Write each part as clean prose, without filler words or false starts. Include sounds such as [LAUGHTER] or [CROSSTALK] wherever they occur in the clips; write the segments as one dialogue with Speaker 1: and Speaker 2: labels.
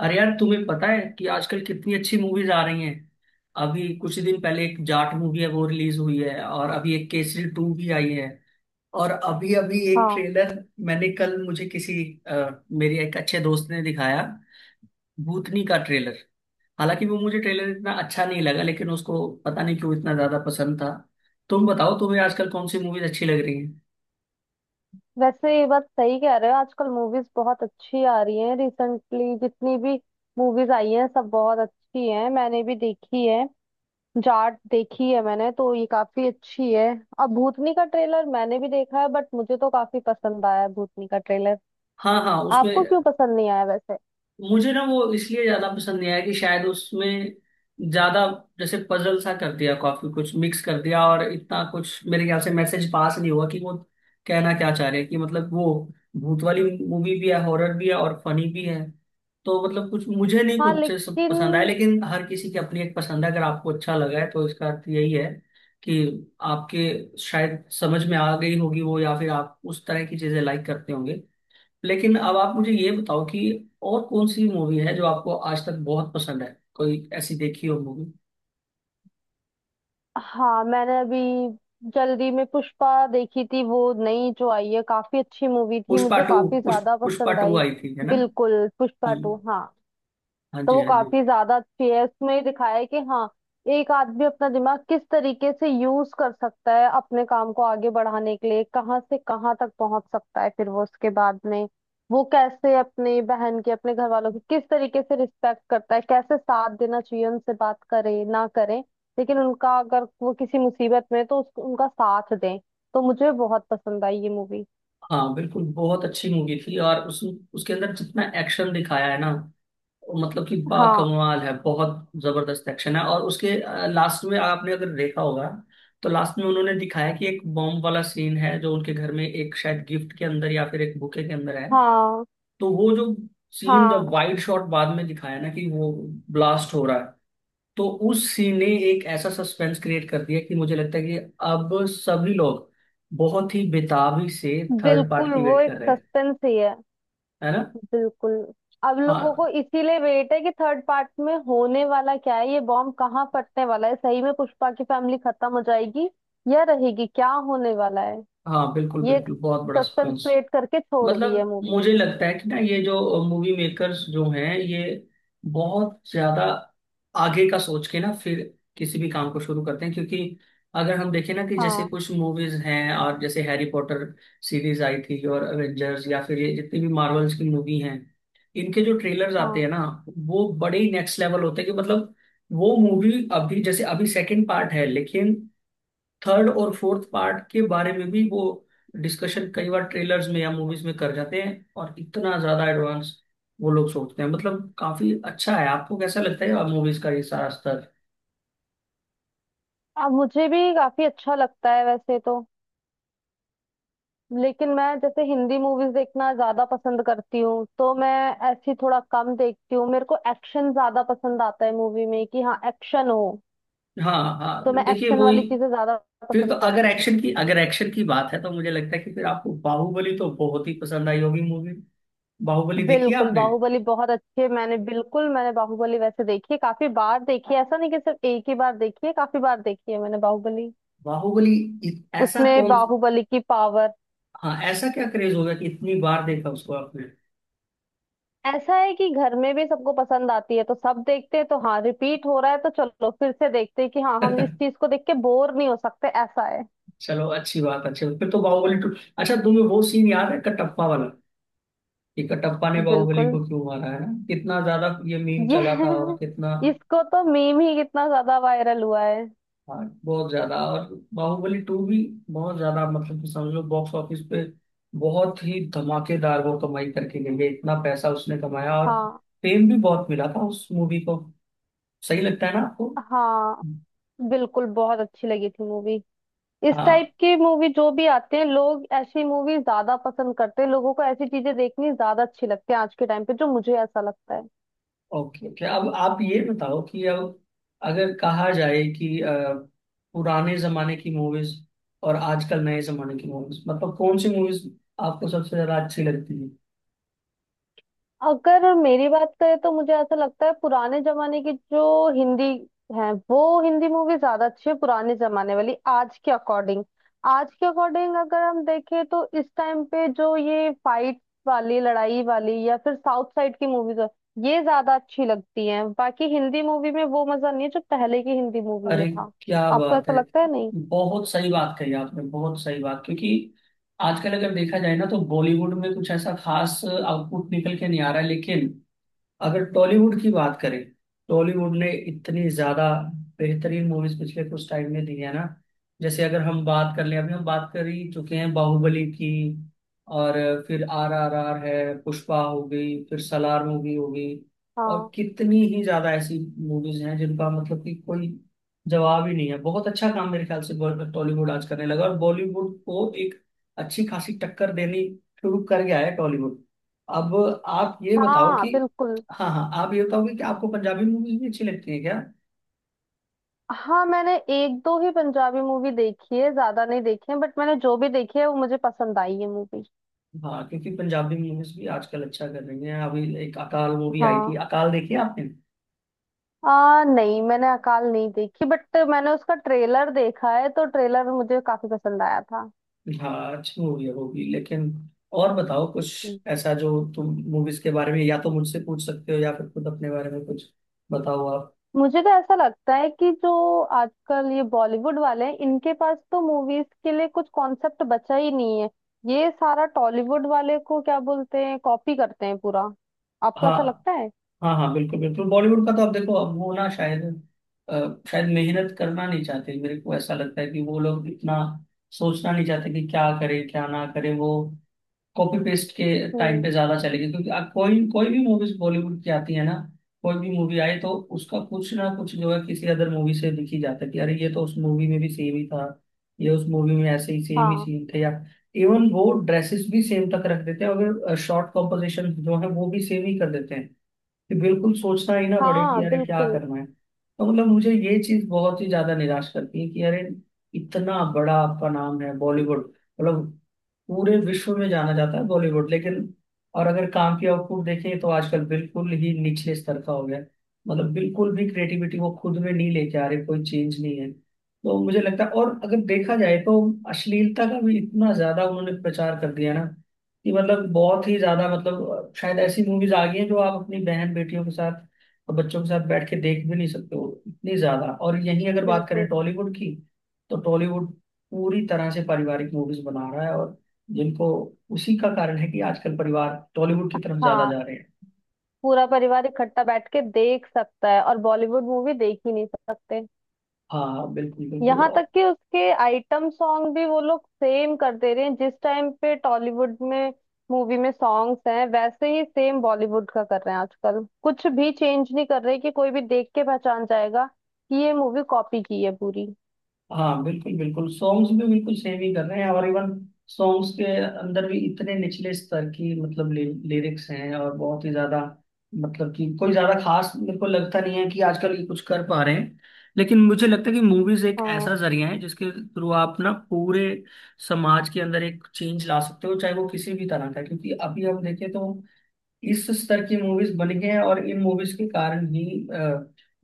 Speaker 1: अरे यार, तुम्हें पता है कि आजकल कितनी अच्छी मूवीज आ रही हैं। अभी कुछ दिन पहले एक जाट मूवी है वो रिलीज हुई है, और अभी एक केसरी टू भी आई है। और अभी अभी एक
Speaker 2: हाँ,
Speaker 1: ट्रेलर मैंने कल मुझे किसी, मेरे एक अच्छे दोस्त ने दिखाया भूतनी का ट्रेलर। हालांकि वो मुझे ट्रेलर इतना अच्छा नहीं लगा, लेकिन उसको पता नहीं क्यों इतना ज्यादा पसंद था। तुम बताओ, तुम्हें आजकल कौन सी मूवीज अच्छी लग रही हैं?
Speaker 2: वैसे ये बात सही कह रहे हो। आजकल मूवीज बहुत अच्छी आ रही हैं। रिसेंटली जितनी भी मूवीज आई हैं सब बहुत अच्छी हैं, मैंने भी देखी है। जाट देखी है मैंने, तो ये काफी अच्छी है। अब भूतनी का ट्रेलर मैंने भी देखा है, बट मुझे तो काफी पसंद आया है भूतनी का ट्रेलर।
Speaker 1: हाँ हाँ, उसमें
Speaker 2: आपको क्यों पसंद नहीं आया वैसे?
Speaker 1: मुझे ना वो इसलिए ज्यादा पसंद नहीं आया कि शायद उसमें ज्यादा जैसे पजल सा कर दिया, काफी कुछ मिक्स कर दिया, और इतना कुछ मेरे ख्याल से मैसेज पास नहीं हुआ कि वो कहना क्या चाह रहे हैं, कि मतलब वो भूत वाली मूवी भी है, हॉरर भी है, और फनी भी है। तो मतलब कुछ मुझे नहीं,
Speaker 2: हाँ,
Speaker 1: कुछ से सब
Speaker 2: लेकिन।
Speaker 1: पसंद आया, लेकिन हर किसी की अपनी एक पसंद है। अगर आपको अच्छा लगा है तो इसका अर्थ यही है कि आपके शायद समझ में आ गई होगी वो, या फिर आप उस तरह की चीजें लाइक करते होंगे। लेकिन अब आप मुझे ये बताओ कि और कौन सी मूवी है जो आपको आज तक बहुत पसंद है, कोई ऐसी देखी हो मूवी?
Speaker 2: हाँ, मैंने अभी जल्दी में पुष्पा देखी थी, वो नई जो आई है, काफी अच्छी मूवी थी,
Speaker 1: पुष्पा
Speaker 2: मुझे
Speaker 1: टू।
Speaker 2: काफी
Speaker 1: पुष्प
Speaker 2: ज्यादा
Speaker 1: पुष्पा
Speaker 2: पसंद
Speaker 1: टू
Speaker 2: आई।
Speaker 1: आई थी, है ना?
Speaker 2: बिल्कुल, पुष्पा टू,
Speaker 1: हम्म।
Speaker 2: हाँ।
Speaker 1: हाँ
Speaker 2: तो
Speaker 1: जी,
Speaker 2: वो
Speaker 1: हाँ जी।
Speaker 2: काफी ज्यादा अच्छी है। उसमें दिखाया है कि हाँ, एक आदमी अपना दिमाग किस तरीके से यूज कर सकता है अपने काम को आगे बढ़ाने के लिए, कहाँ से कहाँ तक पहुंच सकता है, फिर वो उसके बाद में वो कैसे अपनी बहन की अपने घर वालों की किस तरीके से रिस्पेक्ट करता है, कैसे साथ देना चाहिए, उनसे बात करे ना करे लेकिन उनका अगर वो किसी मुसीबत में है, तो उसको उनका साथ दें। तो मुझे बहुत पसंद आई ये मूवी।
Speaker 1: हाँ बिल्कुल, बहुत अच्छी मूवी थी। और उस उसके अंदर जितना एक्शन दिखाया है ना, वो मतलब कि
Speaker 2: हाँ,
Speaker 1: बाकमाल है, बहुत जबरदस्त एक्शन है। और उसके लास्ट में आपने अगर देखा होगा, तो लास्ट में उन्होंने दिखाया कि एक बॉम्ब वाला सीन है जो उनके घर में एक शायद गिफ्ट के अंदर या फिर एक बुके के अंदर है।
Speaker 2: हाँ।
Speaker 1: तो वो जो सीन
Speaker 2: हाँ,
Speaker 1: जब वाइड शॉट बाद में दिखाया ना कि वो ब्लास्ट हो रहा है, तो उस सीन ने एक ऐसा सस्पेंस क्रिएट कर दिया कि मुझे लगता है कि अब सभी लोग बहुत ही बेताबी से थर्ड पार्ट
Speaker 2: बिल्कुल
Speaker 1: की
Speaker 2: वो
Speaker 1: वेट कर
Speaker 2: एक
Speaker 1: रहे हैं,
Speaker 2: सस्पेंस ही है।
Speaker 1: है ना?
Speaker 2: बिल्कुल। अब लोगों
Speaker 1: हाँ
Speaker 2: को इसीलिए वेट है कि थर्ड पार्ट में होने वाला क्या है, ये बॉम्ब कहाँ फटने वाला है, सही में पुष्पा की फैमिली खत्म हो जाएगी या रहेगी, क्या होने वाला है।
Speaker 1: हाँ, बिल्कुल
Speaker 2: ये
Speaker 1: बिल्कुल, बहुत बड़ा
Speaker 2: सस्पेंस
Speaker 1: सस्पेंस।
Speaker 2: क्रिएट करके छोड़ दी है
Speaker 1: मतलब
Speaker 2: मूवी।
Speaker 1: मुझे लगता है कि ना, ये जो मूवी मेकर्स जो हैं, ये बहुत ज्यादा आगे का सोच के ना फिर किसी भी काम को शुरू करते हैं। क्योंकि अगर हम देखें ना कि जैसे
Speaker 2: हाँ।
Speaker 1: कुछ मूवीज हैं, और जैसे हैरी पॉटर सीरीज आई थी, और एवेंजर्स या फिर ये जितनी भी मार्वल्स की मूवी हैं, इनके जो ट्रेलर्स आते
Speaker 2: हाँ,
Speaker 1: हैं ना, वो बड़े ही नेक्स्ट लेवल होते हैं। कि मतलब वो मूवी अभी जैसे अभी सेकंड पार्ट है, लेकिन थर्ड और फोर्थ पार्ट के बारे में भी वो डिस्कशन कई बार ट्रेलर्स में या मूवीज में कर जाते हैं, और इतना ज्यादा एडवांस वो लोग सोचते हैं। मतलब काफी अच्छा है। आपको कैसा लगता है मूवीज का ये सारा स्तर?
Speaker 2: अब मुझे भी काफी अच्छा लगता है वैसे तो, लेकिन मैं जैसे हिंदी मूवीज देखना ज्यादा पसंद करती हूँ तो मैं ऐसी थोड़ा कम देखती हूँ। मेरे को एक्शन ज्यादा पसंद आता है मूवी में, कि हाँ, एक्शन हो,
Speaker 1: हाँ
Speaker 2: तो
Speaker 1: हाँ,
Speaker 2: मैं
Speaker 1: देखिए
Speaker 2: एक्शन
Speaker 1: वही।
Speaker 2: वाली चीजें ज्यादा
Speaker 1: फिर तो
Speaker 2: पसंद
Speaker 1: अगर
Speaker 2: करती हूँ।
Speaker 1: एक्शन की अगर एक्शन की बात है तो मुझे लगता है कि फिर आपको बाहुबली तो बहुत ही पसंद आई होगी मूवी। बाहुबली देखी है
Speaker 2: बिल्कुल
Speaker 1: आपने?
Speaker 2: बाहुबली बहुत अच्छी है मैंने, बिल्कुल मैंने बाहुबली वैसे देखी है, काफी बार देखी है। ऐसा नहीं कि सिर्फ एक ही बार देखी है, काफी बार देखी है मैंने बाहुबली।
Speaker 1: बाहुबली ऐसा
Speaker 2: उसमें
Speaker 1: कौन।
Speaker 2: बाहुबली की पावर।
Speaker 1: हाँ, ऐसा क्या क्रेज हो गया कि इतनी बार देखा उसको आपने?
Speaker 2: ऐसा है कि घर में भी सबको पसंद आती है तो सब देखते हैं, तो हाँ, रिपीट हो रहा है तो चलो फिर से देखते हैं, कि हाँ, हम इस चीज को देख के बोर नहीं हो सकते, ऐसा है।
Speaker 1: चलो, अच्छी बात अच्छी बात। फिर तो बाहुबली टू, अच्छा तुम्हें वो सीन याद है कटप्पा वाला, कि कटप्पा ने बाहुबली
Speaker 2: बिल्कुल।
Speaker 1: को क्यों मारा? है ना, कितना ज्यादा ये मीम चला था, और
Speaker 2: ये
Speaker 1: कितना।
Speaker 2: [LAUGHS] इसको तो मीम ही कितना ज्यादा वायरल हुआ है।
Speaker 1: हाँ, बहुत ज्यादा। और बाहुबली टू भी बहुत ज्यादा, मतलब कि समझो बॉक्स ऑफिस पे बहुत ही धमाकेदार वो कमाई करके गई है, इतना पैसा उसने कमाया। और
Speaker 2: हाँ।
Speaker 1: फेम भी बहुत मिला था उस मूवी को। सही लगता है ना आपको?
Speaker 2: हाँ, बिल्कुल बहुत अच्छी लगी थी मूवी। इस टाइप
Speaker 1: हाँ।
Speaker 2: की मूवी जो भी आते हैं, लोग ऐसी मूवी ज्यादा पसंद करते हैं, लोगों को ऐसी चीजें देखनी ज्यादा अच्छी लगती है आज के टाइम पे, जो मुझे ऐसा लगता है।
Speaker 1: ओके ओके, अब आप ये बताओ कि अब अगर कहा जाए कि पुराने जमाने की मूवीज और आजकल नए जमाने की मूवीज, मतलब कौन सी मूवीज आपको सबसे ज्यादा अच्छी लगती है?
Speaker 2: अगर मेरी बात करें तो मुझे ऐसा लगता है पुराने जमाने की जो हिंदी है वो हिंदी मूवी ज्यादा अच्छी है, पुराने जमाने वाली। आज के अकॉर्डिंग अगर हम देखें तो इस टाइम पे जो ये फाइट वाली, लड़ाई वाली, या फिर साउथ साइड की मूवीज है, ये ज्यादा अच्छी लगती हैं। बाकी हिंदी मूवी में वो मजा नहीं है जो पहले की हिंदी मूवी में
Speaker 1: अरे,
Speaker 2: था।
Speaker 1: क्या
Speaker 2: आपको
Speaker 1: बात
Speaker 2: ऐसा
Speaker 1: है,
Speaker 2: लगता है, नहीं?
Speaker 1: बहुत सही बात कही आपने, बहुत सही बात। क्योंकि आजकल अगर देखा जाए ना तो बॉलीवुड में कुछ ऐसा खास आउटपुट निकल के नहीं आ रहा है, लेकिन अगर टॉलीवुड की बात करें, टॉलीवुड ने इतनी ज्यादा बेहतरीन मूवीज पिछले कुछ टाइम में दी है ना। जैसे अगर हम बात कर लें, अभी हम बात कर ही चुके हैं बाहुबली की, और फिर आर आर आर है, पुष्पा हो गई, फिर सलार मूवी हो गई, और
Speaker 2: हाँ।
Speaker 1: कितनी ही ज्यादा ऐसी मूवीज हैं जिनका मतलब कि कोई जवाब ही नहीं है। बहुत अच्छा काम मेरे ख्याल से टॉलीवुड आज करने लगा, और बॉलीवुड को एक अच्छी खासी टक्कर देनी शुरू कर गया है टॉलीवुड। अब आप ये बताओ
Speaker 2: हाँ,
Speaker 1: कि,
Speaker 2: बिल्कुल।
Speaker 1: हाँ हाँ, आप ये बताओगे कि आपको पंजाबी मूवीज भी अच्छी लगती है क्या?
Speaker 2: हाँ, मैंने एक दो ही पंजाबी मूवी देखी है, ज्यादा नहीं देखी है, बट मैंने जो भी देखी है वो मुझे पसंद आई है मूवी।
Speaker 1: हाँ, क्योंकि पंजाबी मूवीज भी आजकल अच्छा कर रही हैं। अभी एक अकाल वो भी आई
Speaker 2: हाँ।
Speaker 1: थी, अकाल देखी है आपने?
Speaker 2: नहीं मैंने अकाल नहीं देखी, बट मैंने उसका ट्रेलर देखा है, तो ट्रेलर मुझे काफी पसंद आया था।
Speaker 1: हाँ अच्छी मूवी है वो भी, लेकिन और बताओ कुछ
Speaker 2: हम्म।
Speaker 1: ऐसा जो तुम मूवीज के बारे में या तो मुझसे पूछ सकते हो, या फिर खुद अपने बारे में कुछ बताओ आप।
Speaker 2: मुझे तो ऐसा लगता है कि जो आजकल ये बॉलीवुड वाले हैं, इनके पास तो मूवीज के लिए कुछ कॉन्सेप्ट बचा ही नहीं है। ये सारा टॉलीवुड वाले को, क्या बोलते हैं, कॉपी करते हैं पूरा। आपको
Speaker 1: हाँ
Speaker 2: ऐसा लगता है?
Speaker 1: हाँ, हाँ बिल्कुल बिल्कुल, बॉलीवुड का तो अब देखो अब वो ना शायद, शायद मेहनत करना नहीं चाहते। मेरे को ऐसा लगता है कि वो लोग इतना सोचना नहीं चाहते कि क्या करें क्या ना करें। वो कॉपी पेस्ट के टाइम
Speaker 2: हम्म।
Speaker 1: पे ज्यादा चलेगी, क्योंकि आप कोई कोई भी मूवीज बॉलीवुड की आती है ना, कोई भी मूवी आई तो उसका कुछ ना कुछ जो है किसी अदर मूवी से दिखी जाता है कि अरे, ये तो उस मूवी में भी सेम ही था, ये उस मूवी में ऐसे ही सेम ही
Speaker 2: हाँ,
Speaker 1: सीन थे, या इवन वो ड्रेसेस भी सेम तक रख देते हैं। अगर शॉर्ट कॉम्पोजिशन जो है वो भी सेम ही कर देते हैं, कि बिल्कुल सोचना ही ना पड़े कि
Speaker 2: हाँ,
Speaker 1: अरे क्या
Speaker 2: बिल्कुल,
Speaker 1: करना है। तो मतलब मुझे ये चीज बहुत ही ज्यादा निराश करती है कि अरे, इतना बड़ा आपका नाम है बॉलीवुड, मतलब पूरे विश्व में जाना जाता है बॉलीवुड, लेकिन और अगर काम की आउटपुट देखें तो आजकल बिल्कुल ही निचले स्तर का हो गया है। मतलब बिल्कुल भी क्रिएटिविटी वो खुद में नहीं लेके आ रहे, कोई चेंज नहीं है। तो मुझे लगता है, और अगर देखा जाए तो अश्लीलता का भी इतना ज्यादा उन्होंने प्रचार कर दिया ना, कि मतलब बहुत ही ज्यादा, मतलब शायद ऐसी मूवीज आ गई हैं जो आप अपनी बहन बेटियों के साथ और बच्चों के साथ बैठ के देख भी नहीं सकते हो, इतनी ज्यादा। और यहीं अगर बात करें
Speaker 2: बिल्कुल।
Speaker 1: टॉलीवुड की, तो टॉलीवुड पूरी तरह से पारिवारिक मूवीज बना रहा है, और जिनको, उसी का कारण है कि आजकल परिवार टॉलीवुड की तरफ ज्यादा
Speaker 2: हाँ,
Speaker 1: जा रहे हैं।
Speaker 2: पूरा परिवार इकट्ठा बैठ के देख सकता है और बॉलीवुड मूवी देख ही नहीं सकते।
Speaker 1: हाँ हाँ, बिल्कुल बिल्कुल।
Speaker 2: यहाँ तक कि उसके आइटम सॉन्ग भी वो लोग सेम कर दे रहे हैं। जिस टाइम पे टॉलीवुड में मूवी में सॉन्ग्स हैं वैसे ही सेम बॉलीवुड का कर रहे हैं आजकल, कुछ भी चेंज नहीं कर रहे, कि कोई भी देख के पहचान जाएगा कि ये मूवी कॉपी की है पूरी।
Speaker 1: हाँ बिल्कुल बिल्कुल, सॉन्ग्स भी बिल्कुल सेम ही कर रहे हैं, और इवन सॉन्ग्स के अंदर भी इतने निचले स्तर की मतलब लिरिक्स हैं, और बहुत ही ज्यादा, मतलब कि कोई ज्यादा खास मेरे को लगता नहीं है कि आजकल ये कुछ कर पा रहे हैं। लेकिन मुझे लगता है कि मूवीज एक
Speaker 2: हाँ,
Speaker 1: ऐसा जरिया है जिसके थ्रू आप ना पूरे समाज के अंदर एक चेंज ला सकते हो, चाहे वो किसी भी तरह का है। क्योंकि अभी हम देखें तो इस स्तर की मूवीज बन गई हैं, और इन मूवीज के कारण ही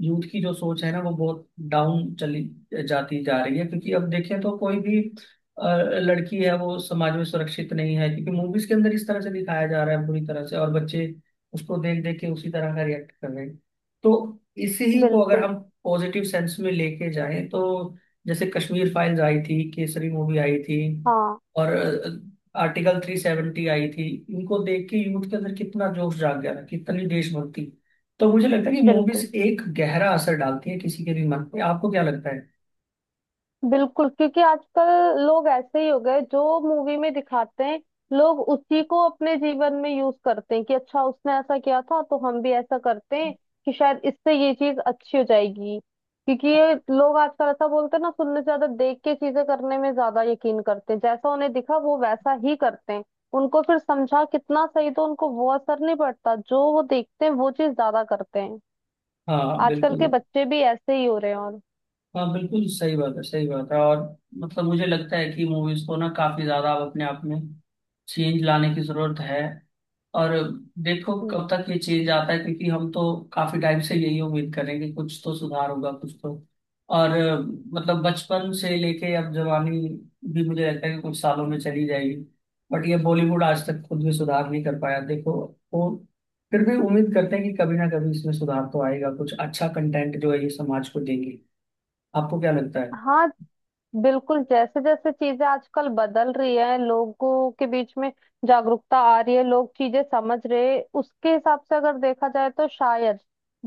Speaker 1: यूथ की जो सोच है ना वो बहुत डाउन चली जाती जा रही है। क्योंकि अब देखें तो कोई भी अ, लड़की है वो समाज में सुरक्षित नहीं है, क्योंकि मूवीज के अंदर इस तरह से दिखाया जा रहा है बुरी तरह से, और बच्चे उसको देख देख के उसी तरह का रिएक्ट कर रहे हैं। तो इसी ही को अगर
Speaker 2: बिल्कुल।
Speaker 1: हम पॉजिटिव सेंस में लेके जाएं, तो जैसे कश्मीर फाइल्स आई थी, केसरी मूवी आई थी,
Speaker 2: हाँ,
Speaker 1: और आर्टिकल 370 आई थी, इनको देख के यूथ के अंदर कितना जोश जाग गया था, कितनी देशभक्ति। तो मुझे लगता है कि
Speaker 2: बिल्कुल,
Speaker 1: मूवीज एक गहरा असर डालती है किसी के भी मन पे। आपको क्या लगता है?
Speaker 2: बिल्कुल। क्योंकि आजकल लोग ऐसे ही हो गए, जो मूवी में दिखाते हैं लोग उसी को अपने जीवन में यूज करते हैं, कि अच्छा उसने ऐसा किया था तो हम भी ऐसा करते हैं, कि शायद इससे ये चीज अच्छी हो जाएगी। क्योंकि ये लोग आजकल ऐसा बोलते हैं ना, सुनने से ज्यादा देख के चीजें करने में ज्यादा यकीन करते हैं, जैसा उन्हें दिखा वो वैसा ही करते हैं। उनको फिर समझा कितना सही, तो उनको वो असर नहीं पड़ता, जो वो देखते हैं वो चीज ज्यादा करते हैं।
Speaker 1: हाँ
Speaker 2: आजकल
Speaker 1: बिल्कुल।
Speaker 2: के बच्चे भी ऐसे ही हो रहे हैं और।
Speaker 1: हाँ बिल्कुल, सही बात है सही बात है। और मतलब मुझे लगता है कि मूवीज को ना काफी ज्यादा अब अपने आप में चेंज लाने की जरूरत है। और देखो
Speaker 2: हम्म।
Speaker 1: कब तक ये चेंज आता है, क्योंकि हम तो काफी टाइम से यही उम्मीद कर रहे हैं कि कुछ तो सुधार होगा, कुछ तो। और मतलब बचपन से लेके अब जवानी भी मुझे लगता है कि कुछ सालों में चली जाएगी, बट ये बॉलीवुड आज तक खुद भी सुधार नहीं कर पाया देखो। वो फिर भी उम्मीद करते हैं कि कभी ना कभी इसमें सुधार तो आएगा, कुछ अच्छा कंटेंट जो है ये समाज को देंगे। आपको क्या लगता है?
Speaker 2: हाँ बिल्कुल, जैसे जैसे चीजें आजकल बदल रही है, लोगों के बीच में जागरूकता आ रही है, लोग चीजें समझ रहे हैं, उसके हिसाब से अगर देखा जाए तो शायद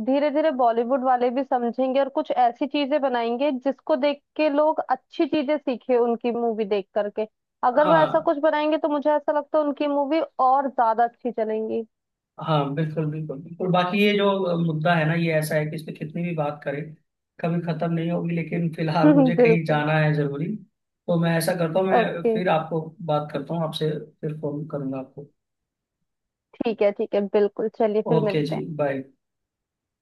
Speaker 2: धीरे धीरे बॉलीवुड वाले भी समझेंगे और कुछ ऐसी चीजें बनाएंगे जिसको देख के लोग अच्छी चीजें सीखे उनकी मूवी देख करके। अगर वो ऐसा
Speaker 1: हाँ
Speaker 2: कुछ बनाएंगे तो मुझे ऐसा लगता है उनकी मूवी और ज्यादा अच्छी चलेंगी।
Speaker 1: हाँ, बिल्कुल बिल्कुल बिल्कुल। बाकी ये जो मुद्दा है ना, ये ऐसा है कि इस पे कितनी भी बात करें कभी खत्म नहीं होगी, लेकिन फिलहाल मुझे
Speaker 2: [LAUGHS]
Speaker 1: कहीं
Speaker 2: बिल्कुल।
Speaker 1: जाना है जरूरी। तो मैं ऐसा करता हूँ, मैं
Speaker 2: ओके।
Speaker 1: फिर आपको बात करता हूँ आपसे, फिर फोन करूंगा आपको।
Speaker 2: ठीक है, ठीक है, बिल्कुल, चलिए फिर
Speaker 1: ओके
Speaker 2: मिलते हैं।
Speaker 1: जी, बाय।